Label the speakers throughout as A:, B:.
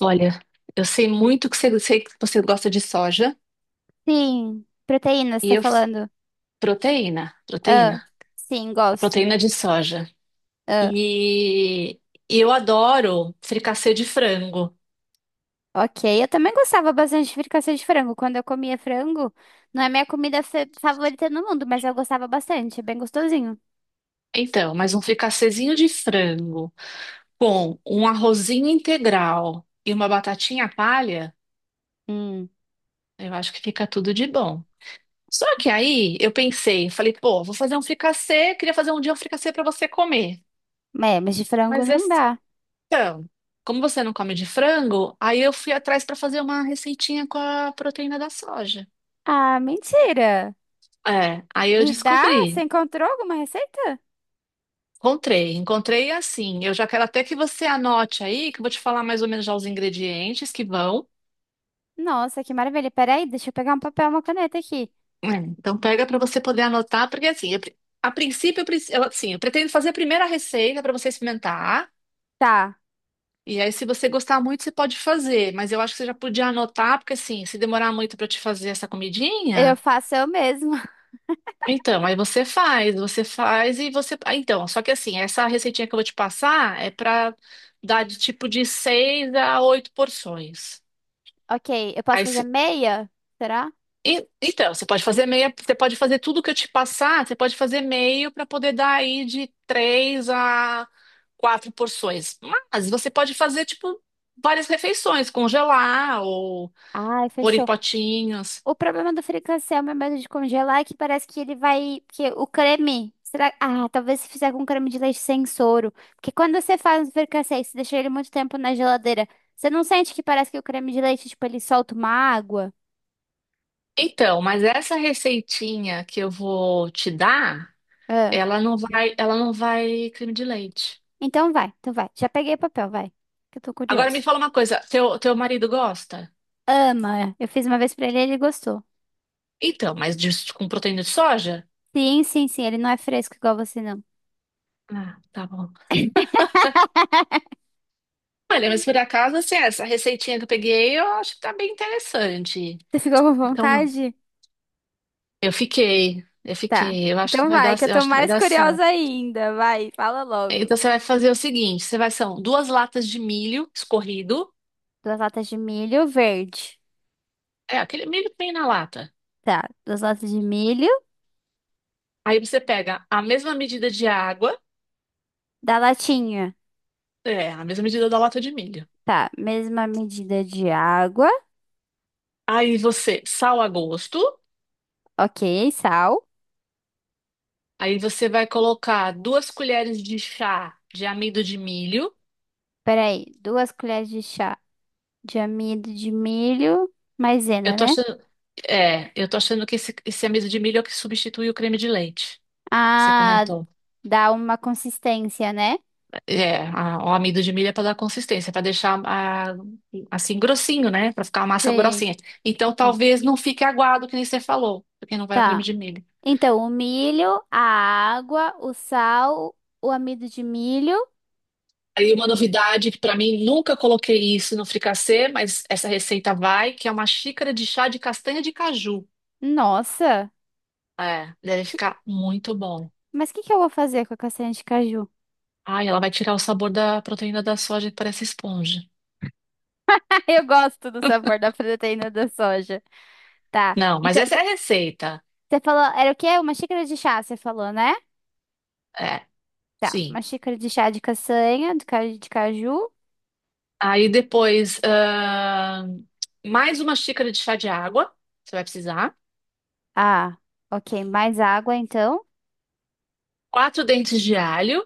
A: Olha, eu sei muito que você, sei que você gosta de soja
B: Sim, proteína, você
A: e
B: tá
A: eu,
B: falando?
A: proteína,
B: Ah,
A: proteína,
B: sim,
A: a
B: gosto.
A: proteína de soja.
B: Ah,
A: E, e eu adoro fricassê de frango.
B: ok. Eu também gostava bastante de fricassê de frango. Quando eu comia frango, não é minha comida favorita no mundo, mas eu gostava bastante, é bem gostosinho.
A: Então, mas um fricassezinho de frango com um arrozinho integral e uma batatinha palha,
B: Hum,
A: eu acho que fica tudo de bom. Só que aí eu pensei, falei, pô, vou fazer um fricassê, queria fazer um dia um fricassê para você comer.
B: é, mas de frango
A: Mas é
B: não dá.
A: Então, como você não come de frango, aí eu fui atrás para fazer uma receitinha com a proteína da soja.
B: Ah, mentira!
A: É, aí eu
B: E dá? Você
A: descobri,
B: encontrou alguma receita?
A: encontrei assim. Eu já quero até que você anote aí, que eu vou te falar mais ou menos já os ingredientes que vão.
B: Nossa, que maravilha. Peraí, deixa eu pegar um papel e uma caneta aqui.
A: É, então pega para você poder anotar, porque assim, a princípio, assim, eu pretendo fazer a primeira receita para você experimentar.
B: Tá,
A: E aí, se você gostar muito, você pode fazer. Mas eu acho que você já podia anotar, porque assim, se demorar muito para te fazer essa
B: eu
A: comidinha.
B: faço eu mesma.
A: Então, aí você faz então, só que assim, essa receitinha que eu vou te passar é pra dar de tipo de seis a oito porções.
B: Ok, eu posso
A: Aí,
B: fazer
A: se-
B: meia? Será?
A: e- Então, você pode fazer meia, você pode fazer tudo que eu te passar, você pode fazer meio para poder dar aí de três a quatro porções. Mas você pode fazer tipo várias refeições, congelar ou
B: Ai,
A: pôr em
B: fechou.
A: potinhos.
B: O problema do fricassê ao meu medo de congelar é que parece que ele vai, que o creme. Será... Ah, talvez se fizer com creme de leite sem soro. Porque quando você faz um fricassê e você deixa ele muito tempo na geladeira, você não sente que parece que o creme de leite, tipo, ele solta uma água?
A: Então, mas essa receitinha que eu vou te dar,
B: Ah.
A: ela não vai, ela não vai creme de leite.
B: Então vai, então vai. Já peguei o papel, vai. Que eu tô
A: Agora
B: curiosa.
A: me fala uma coisa, teu marido gosta?
B: Ama. Eu fiz uma vez pra ele e ele gostou.
A: Então, mas com proteína de soja?
B: Sim, sim, sim. Ele não é fresco igual você, não.
A: Ah, tá bom. Olha, mas por acaso, assim, essa receitinha que eu peguei, eu acho que tá bem interessante.
B: Você ficou com
A: Então,
B: vontade?
A: eu fiquei, eu
B: Tá.
A: fiquei, eu acho que
B: Então
A: vai
B: vai,
A: dar,
B: que eu
A: eu
B: tô
A: acho que vai
B: mais
A: dar
B: curiosa
A: certo.
B: ainda. Vai, fala logo.
A: Então, você vai fazer o seguinte, você vai, são duas latas de milho escorrido,
B: Duas latas de milho verde.
A: é, aquele milho que vem na lata.
B: Tá. Duas latas de milho
A: Aí você pega a mesma medida de água,
B: da latinha.
A: é, a mesma medida da lata de milho.
B: Tá. Mesma medida de água.
A: Aí você, sal a gosto.
B: Ok. Sal.
A: Aí você vai colocar duas colheres de chá de amido de milho.
B: Peraí. Duas colheres de chá de amido de milho.
A: Eu
B: Maisena,
A: tô
B: né?
A: achando, é, eu tô achando que esse amido de milho é o que substitui o creme de leite. Você
B: Ah,
A: comentou.
B: dá uma consistência, né?
A: É, o amido de milho é para dar consistência, para deixar assim grossinho, né? Para ficar a massa
B: Sim.
A: grossinha. Então
B: Sim.
A: talvez não fique aguado, que nem você falou, porque não vai o creme
B: Tá.
A: de milho.
B: Então, o milho, a água, o sal, o amido de milho.
A: Aí uma novidade que para mim nunca coloquei isso no fricassê, mas essa receita vai, que é uma xícara de chá de castanha de caju.
B: Nossa.
A: É, deve
B: que-
A: ficar muito bom.
B: Mas o que que eu vou fazer com a castanha de caju?
A: Ai, ela vai tirar o sabor da proteína da soja que parece esponja.
B: Eu gosto do sabor da proteína da soja. Tá.
A: Não, mas
B: Então,
A: essa é a receita.
B: você falou, era o quê? Uma xícara de chá, você falou, né?
A: É,
B: Tá.
A: sim.
B: Uma xícara de chá de castanha, de, de caju.
A: Aí depois, mais uma xícara de chá de água, você vai precisar.
B: Ah, ok. Mais água, então.
A: Quatro dentes de alho.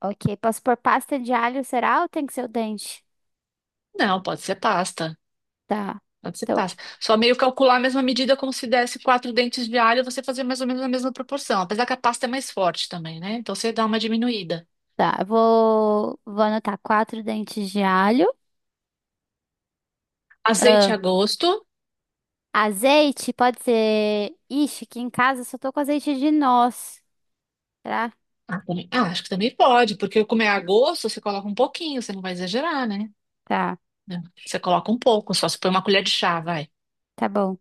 B: Ok. Posso pôr pasta de alho, será? Ou tem que ser o dente?
A: Não, pode ser pasta.
B: Tá.
A: Pode ser
B: Então,
A: pasta. Só meio calcular a mesma medida como se desse quatro dentes de alho, você fazer mais ou menos a mesma proporção. Apesar que a pasta é mais forte também, né? Então você dá uma diminuída.
B: tá. Eu vou anotar quatro dentes de alho.
A: Azeite
B: Ah,
A: a gosto.
B: azeite, pode ser. Ixi, aqui em casa eu só tô com azeite de noz. Tá?
A: Ah, acho que também pode, porque como é a gosto, você coloca um pouquinho, você não vai exagerar, né?
B: Tá.
A: Não, você coloca um pouco, só se põe uma colher de chá, vai.
B: Tá bom.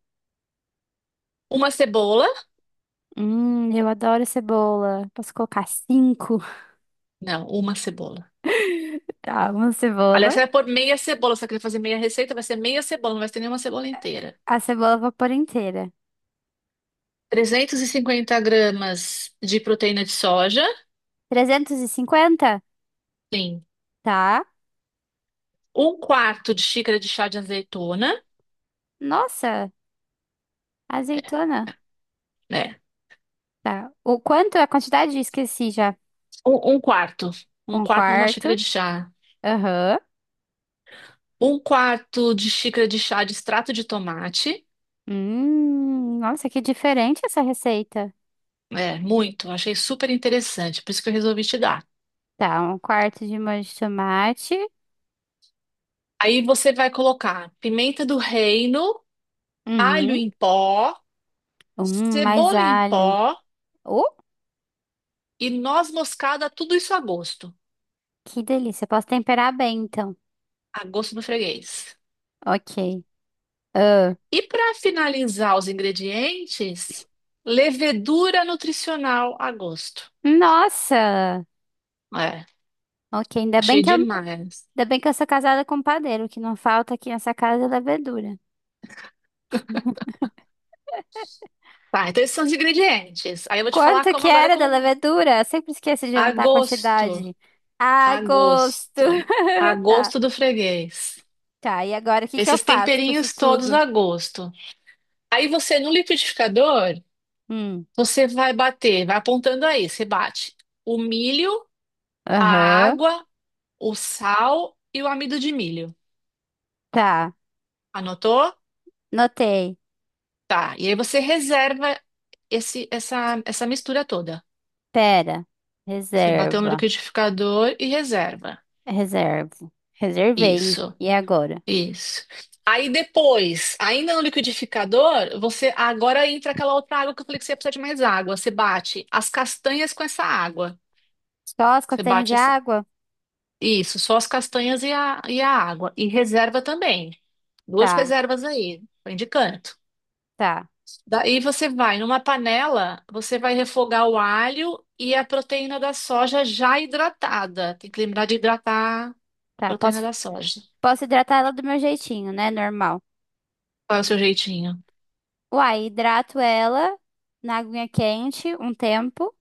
A: Uma cebola?
B: Eu adoro cebola. Posso colocar cinco?
A: Não, uma cebola.
B: Tá, uma
A: Aliás,
B: cebola.
A: você vai pôr meia cebola, se você quiser fazer meia receita, vai ser meia cebola, não vai ter nenhuma cebola inteira.
B: A cebola vapor inteira.
A: 350 gramas de proteína de soja,
B: 350.
A: sim.
B: Tá.
A: Um quarto de xícara de chá de azeitona,
B: Nossa, azeitona.
A: né?
B: Tá. O quanto? A quantidade? Esqueci já.
A: Um quarto. Um
B: Um
A: quarto de uma xícara
B: quarto.
A: de chá.
B: Aham.
A: Um quarto de xícara de chá de extrato de tomate.
B: Nossa, que diferente essa receita.
A: É, muito. Achei super interessante, por isso que eu resolvi te dar.
B: Tá, um quarto de molho de tomate.
A: Aí você vai colocar pimenta do reino, alho
B: Uhum.
A: em pó,
B: Mais
A: cebola em
B: alho.
A: pó
B: Uh,
A: e noz moscada, tudo isso
B: que delícia. Posso temperar bem, então.
A: a gosto do freguês.
B: Ok. Ah,
A: E para finalizar os ingredientes, levedura nutricional a gosto.
B: nossa!
A: É,
B: Ok,
A: achei demais.
B: ainda bem que eu sou casada com um padeiro. O que não falta aqui nessa casa é levedura.
A: Tá, então esses são os ingredientes. Aí eu vou te falar
B: Quanto
A: como
B: que
A: agora
B: era da
A: como
B: levedura? Sempre esqueço de
A: a
B: anotar a
A: gosto,
B: quantidade. A
A: a
B: gosto.
A: gosto, a
B: Tá.
A: gosto do freguês.
B: Tá, e agora o que que eu
A: Esses
B: faço com isso
A: temperinhos todos
B: tudo?
A: a gosto. Aí você, no liquidificador,
B: Hum,
A: você vai bater, vai apontando aí, você bate o milho, a
B: aham.
A: água, o sal e o amido de milho.
B: Tá,
A: Anotou?
B: notei.
A: Tá. E aí você reserva essa mistura toda.
B: Pera.
A: Você bateu no
B: Reserva.
A: liquidificador e reserva.
B: Reservo. Reservei.
A: Isso,
B: E agora?
A: isso. Aí depois, ainda no liquidificador, você agora entra aquela outra água que eu falei que você ia precisar de mais água. Você bate as castanhas com essa água.
B: Só as
A: Você
B: castanhas de
A: bate essa...
B: água?
A: Isso, só as castanhas e a água. E reserva também. Duas
B: Tá,
A: reservas aí, vem de canto.
B: tá,
A: Daí você vai numa panela, você vai refogar o alho e a proteína da soja já hidratada. Tem que lembrar de hidratar a
B: tá.
A: proteína
B: Posso,
A: da soja.
B: posso hidratar ela do meu jeitinho, né? Normal.
A: Qual é o seu jeitinho?
B: Uai, hidrato ela na aguinha quente um tempo.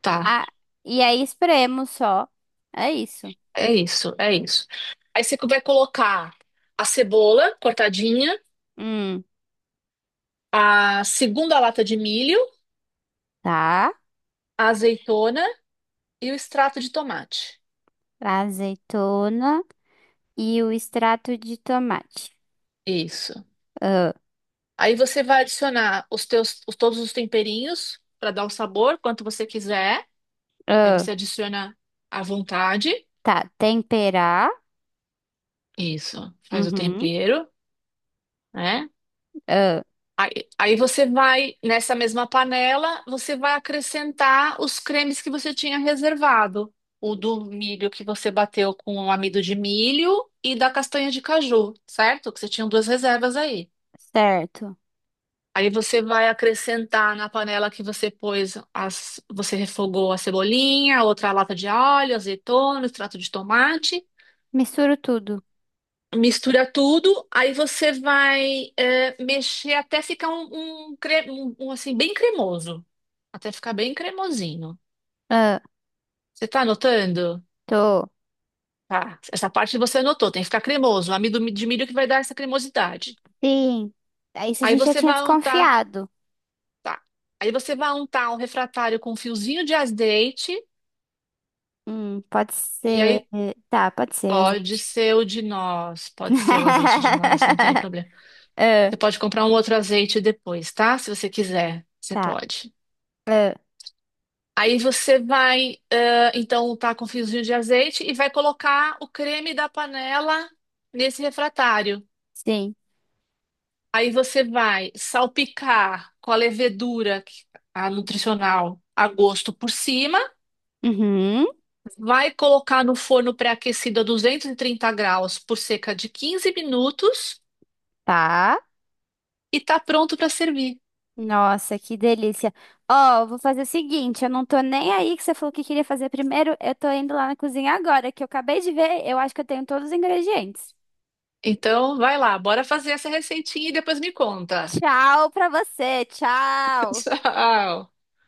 A: Tá,
B: Ah, e aí espremo só. É isso.
A: é isso, é isso. Aí você vai colocar a cebola cortadinha,
B: Hum,
A: a segunda lata de milho,
B: tá.
A: a azeitona e o extrato de tomate.
B: Azeitona e o extrato de tomate.
A: Isso.
B: Ah,
A: Aí você vai adicionar os teus, todos os temperinhos para dar o sabor, quanto você quiser. Aí
B: ah,
A: você adiciona à vontade.
B: tá. Temperar.
A: Isso, faz o
B: Uhum.
A: tempero, né?
B: Ah,
A: Aí você vai, nessa mesma panela, você vai acrescentar os cremes que você tinha reservado. O do milho que você bateu com o amido de milho e da castanha de caju, certo? Que você tinha duas reservas aí.
B: certo.
A: Aí você vai acrescentar na panela que você pôs, as, você refogou a cebolinha, outra lata de alho, azeitona, extrato de tomate.
B: Misturo tudo.
A: Mistura tudo, aí você vai é, mexer até ficar um, assim bem cremoso, até ficar bem cremosinho.
B: Ah,
A: Você tá anotando?
B: tô.
A: Tá. Essa parte você anotou, tem que ficar cremoso. O amido de milho que vai dar essa cremosidade.
B: Sim. Ah, isso a
A: Aí
B: gente já
A: você
B: tinha
A: vai untar,
B: desconfiado.
A: tá? Aí você vai untar um refratário com um fiozinho de azeite.
B: Pode
A: E
B: ser.
A: aí,
B: Tá, pode ser
A: pode
B: azeite.
A: ser o de nós, pode ser o azeite de nós, não tem problema.
B: Ah,
A: Você pode comprar um outro azeite depois, tá? Se você quiser, você
B: tá.
A: pode.
B: Ah,
A: Aí você vai, então, tá com um fiozinho de azeite e vai colocar o creme da panela nesse refratário.
B: sim.
A: Aí você vai salpicar com a levedura, a nutricional, a gosto por cima.
B: Uhum.
A: Vai colocar no forno pré-aquecido a 230 graus por cerca de 15 minutos
B: Tá.
A: e tá pronto para servir.
B: Nossa, que delícia. Ó, eu vou fazer o seguinte, eu não tô nem aí que você falou que queria fazer primeiro, eu tô indo lá na cozinha agora, que eu acabei de ver, eu acho que eu tenho todos os ingredientes.
A: Então, vai lá, bora fazer essa receitinha e depois me conta.
B: Tchau pra você, tchau!
A: Tchau.